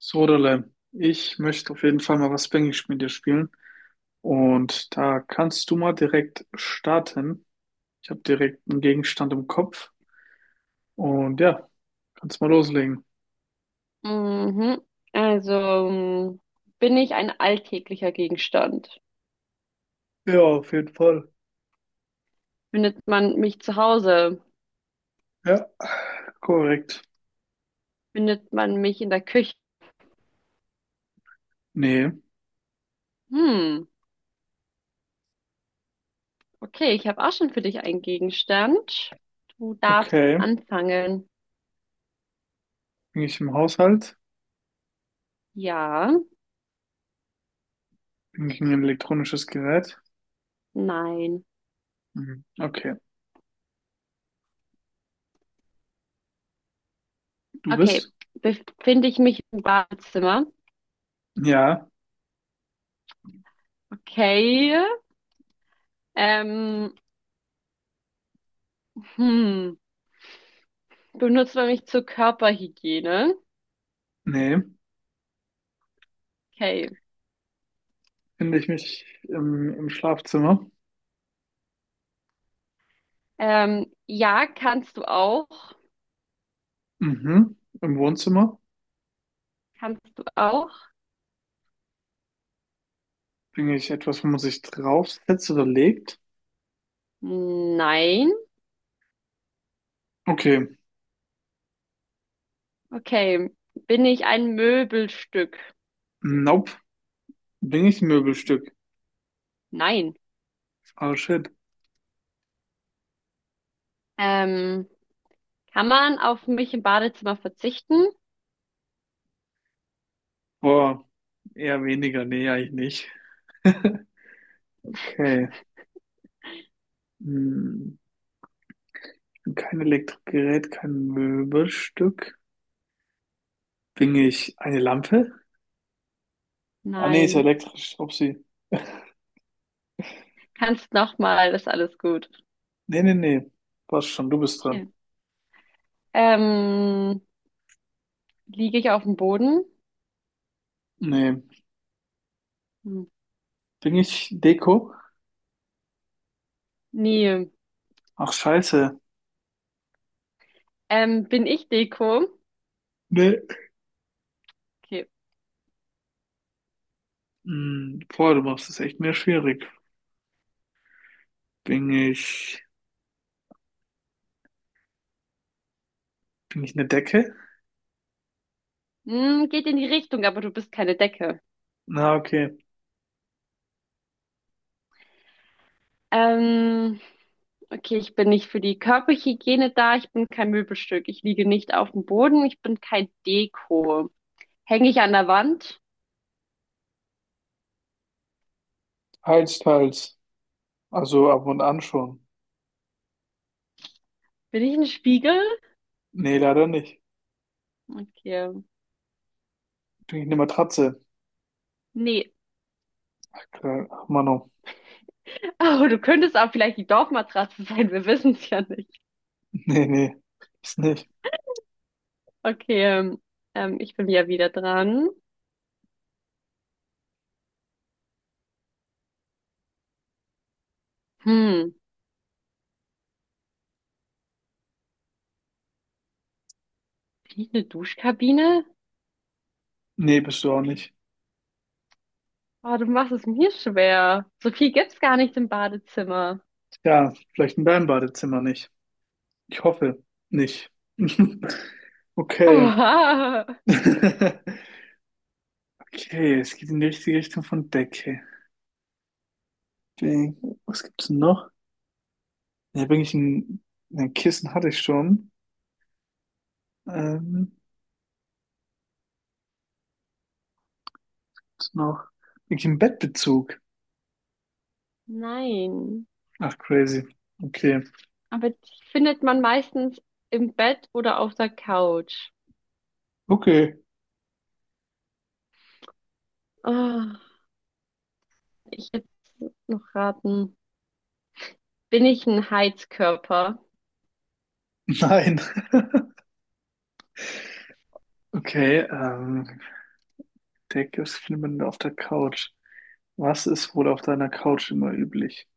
Sodalem, ich möchte auf jeden Fall mal was Spanglish mit dir spielen. Und da kannst du mal direkt starten. Ich habe direkt einen Gegenstand im Kopf. Und ja, kannst mal loslegen. Mhm. Also bin ich ein alltäglicher Gegenstand? Ja, auf jeden Fall. Findet man mich zu Hause? Ja, korrekt. Findet man mich in der Küche? Nee, Hm, okay, ich habe auch schon für dich einen Gegenstand. Du darfst okay. anfangen. Bin ich im Haushalt? Ja, Bin ich ein elektronisches Gerät? nein. Mhm. Okay. Du Okay, bist? befinde ich mich im Badezimmer? Ja, Okay. Ähm, hm, benutzt man mich zur Körperhygiene? nee. Okay. Finde ich mich im Schlafzimmer? Ja, kannst du auch. Mhm. Im Wohnzimmer? Kannst du auch. Bin ich etwas, wo man sich draufsetzt oder legt? Nein. Okay. Okay. Bin ich ein Möbelstück? Nope. Bin ich ein Möbelstück? Nein. Oh shit. Ähm, kann man auf mich im Badezimmer verzichten? Boah. Eher weniger. Nee, eigentlich nicht. Okay. Hm. Kein Elektrogerät, kein Möbelstück. Bin ich eine Lampe? Ah nee, ist ja Nein. elektrisch. Upsi. Kannst nochmal, ist alles gut. Nee, nee, nee. Passt schon, du bist dran. Okay. Ähm, liege ich auf dem Boden? Nee. Hm, Bin ich Deko? nee. Ach scheiße. Bin ich Deko? Nee. Okay. Hm. Boah, du machst es echt mir schwierig. Bin ich. Bin ich eine Decke? Geht in die Richtung, aber du bist keine Decke. Na, okay. Ähm, okay, ich bin nicht für die Körperhygiene da, ich bin kein Möbelstück, ich liege nicht auf dem Boden, ich bin kein Deko. Hänge ich an der Wand? Teils, teils. Also ab und an schon. Bin ich ein Spiegel? Nee, leider nicht. Okay. Krieg ich eine Matratze. Nee. Klar, ach, Mano. Oh, du könntest auch vielleicht die Dorfmatratze sein. Wir wissen es ja nicht. Nee, nee. Ist nicht. Okay. Ich bin ja wieder dran. Hm. Bin ich eine Duschkabine? Nee, bist du auch nicht. Oh, du machst es mir schwer. So viel gibt's gar nicht im Badezimmer. Ja, vielleicht in deinem Badezimmer nicht. Ich hoffe nicht. Okay. Oha. Okay, es geht in die richtige Richtung von Decke. Ding. Was gibt's denn noch? Ja, bin ich ein Kissen hatte ich schon. Ähm, was noch? Bin ich ein Bettbezug? Nein. Ach, crazy. Okay. Aber die findet man meistens im Bett oder auf der Couch. Okay. Oh, ich hätte noch raten. Bin ich ein Heizkörper? Nein. Okay, Deckgips findet man auf der Couch. Was ist wohl auf deiner Couch immer üblich?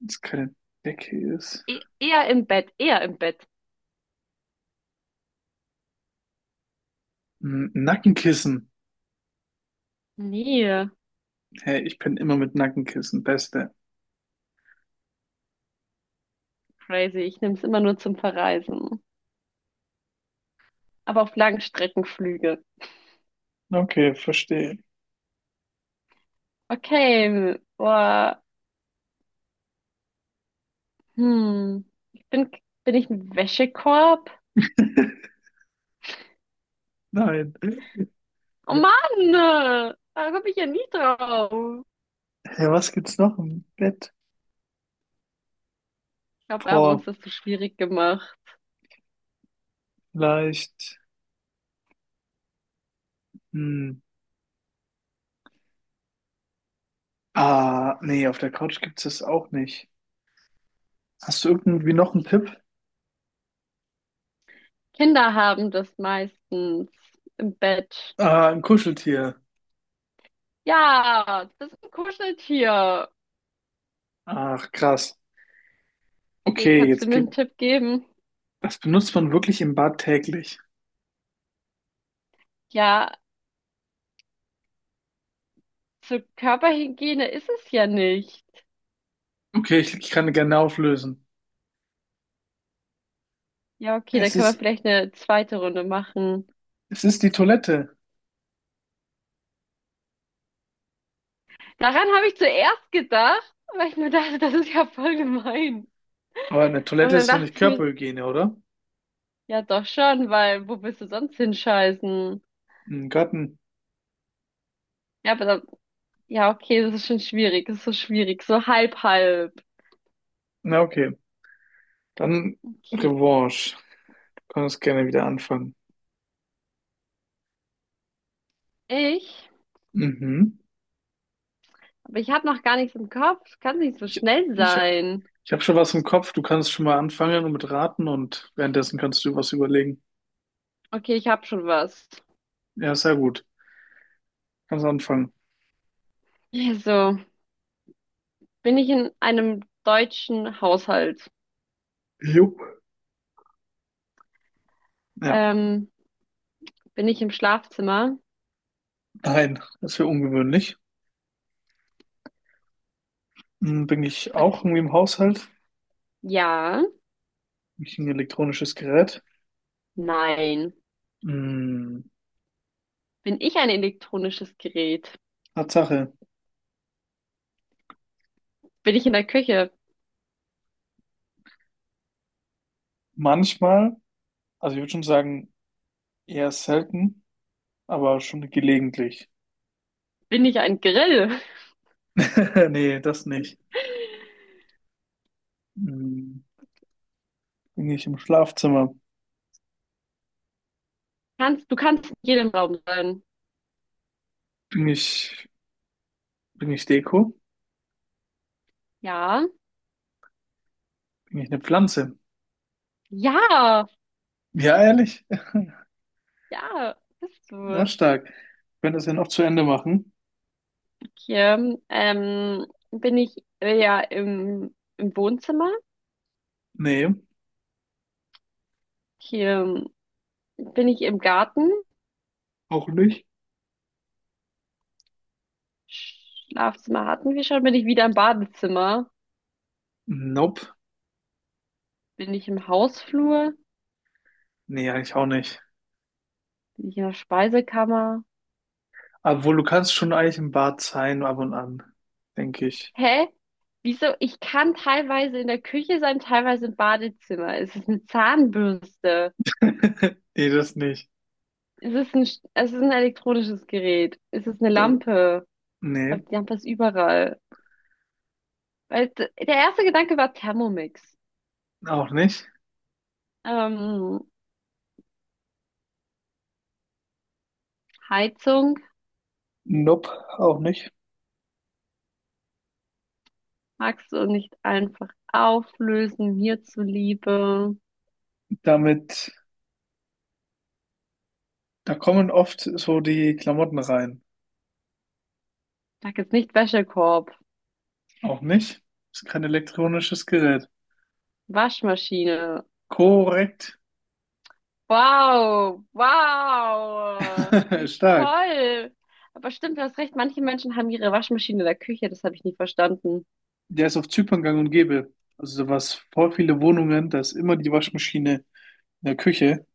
Wenn es keine Decke ist. E eher im Bett, eher im Bett. Hm, Nackenkissen. Nee, Hey, ich bin immer mit Nackenkissen. Beste. crazy. Ich nehme es immer nur zum Verreisen. Aber auf Langstreckenflüge. Okay, verstehe. Okay, boah. Hm. Ich bin, bin ich ein Wäschekorb? Nein. Oh Mann, da komme ich ja nie drauf. Hey, was gibt's noch im Bett? Ich glaube, wir haben uns Boah, das zu schwierig gemacht. vielleicht. Hm. Ah, nee, auf der Couch gibt's das auch nicht. Hast du irgendwie noch einen Tipp? Kinder haben das meistens im Bett. Ah, ein Kuscheltier. Ja, das ist ein Kuscheltier. Ach, krass. Okay, Okay, kannst du jetzt mir einen gibt. Tipp geben? Das benutzt man wirklich im Bad täglich. Ja, zur Körperhygiene ist es ja nicht. Okay, ich kann gerne auflösen. Ja, okay, dann Es können wir ist, vielleicht eine zweite Runde machen. es ist die Toilette. Daran habe ich zuerst gedacht, weil ich mir dachte, das ist ja voll gemein. Aber eine Und Toilette dann ist doch dachte nicht ich mir, Körperhygiene, oder? ja doch schon, weil wo willst du sonst hinscheißen? Im Garten. Ja, aber dann, ja, okay, das ist schon schwierig, das ist so schwierig, so halb halb. Na, okay. Dann Okay, Revanche. Du kannst gerne wieder anfangen. ich, Mhm. aber ich habe noch gar nichts im Kopf, kann nicht so Ich, schnell ich, sein. ich habe schon was im Kopf. Du kannst schon mal anfangen und mit raten und währenddessen kannst du was überlegen. Okay, ich habe schon was. Ja, sehr gut. Kannst anfangen. Also, bin ich in einem deutschen Haushalt? Jupp. Ja, Ähm, bin ich im Schlafzimmer? nein, das wäre ungewöhnlich. Hm, bin ich auch Okay, irgendwie im Haushalt? ja. Bin ich ein elektronisches Gerät? Nein. Hm, Bin ich ein elektronisches Gerät? Tatsache. Bin ich in der Küche? Manchmal, also ich würde schon sagen, eher selten, aber schon gelegentlich. Bin ich ein Grill? Nee, das nicht. Hm, bin ich im Schlafzimmer? Kannst, du kannst in jedem Raum sein. Bin ich, bin ich Deko? Ja. Bin ich eine Pflanze? Ja. Ja, ehrlich? Ja. Bist Na, du. stark. Ich könnte das ja noch zu Ende machen. Okay. Bin ich ja im Wohnzimmer? Nee, Hier bin ich im Garten. auch nicht. Schlafzimmer hatten wir schon. Bin ich wieder im Badezimmer? Nope. Bin ich im Hausflur? Nee, eigentlich auch nicht. Bin ich in der Speisekammer? Obwohl, du kannst schon eigentlich im Bad sein, ab und an, denke ich. Hä? Wieso? Ich kann teilweise in der Küche sein, teilweise im Badezimmer. Ist es eine Zahnbürste? Nee, das nicht. Ist es ein, Sch- es ist ein elektronisches Gerät? Ist es eine Das, Lampe? Aber nee, die Lampe ist überall. Weil der erste Gedanke war Thermomix. auch nicht. Ähm, Heizung, Nope, auch nicht. magst du nicht einfach auflösen, mir zuliebe? Damit. Da kommen oft so die Klamotten rein. Sag jetzt nicht Wäschekorb, Auch nicht? Ist kein elektronisches Gerät. Waschmaschine. Korrekt. Wow, wow, wie Stark. toll. Aber stimmt, du hast recht, manche Menschen haben ihre Waschmaschine in der Küche, das habe ich nie verstanden. Der ist auf Zypern gang und gäbe. Also da war's voll viele Wohnungen, da ist immer die Waschmaschine in der Küche.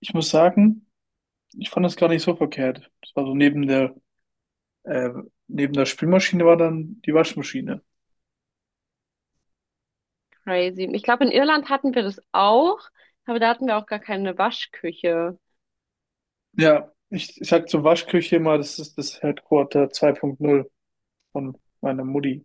Ich muss sagen, ich fand das gar nicht so verkehrt. Das war so äh, neben der Spülmaschine war dann die Waschmaschine. Crazy. Ich glaube, in Irland hatten wir das auch, aber da hatten wir auch gar keine Waschküche. Ja, ich sag zur Waschküche immer, das ist das Headquarter 2.0 von meiner Mutti.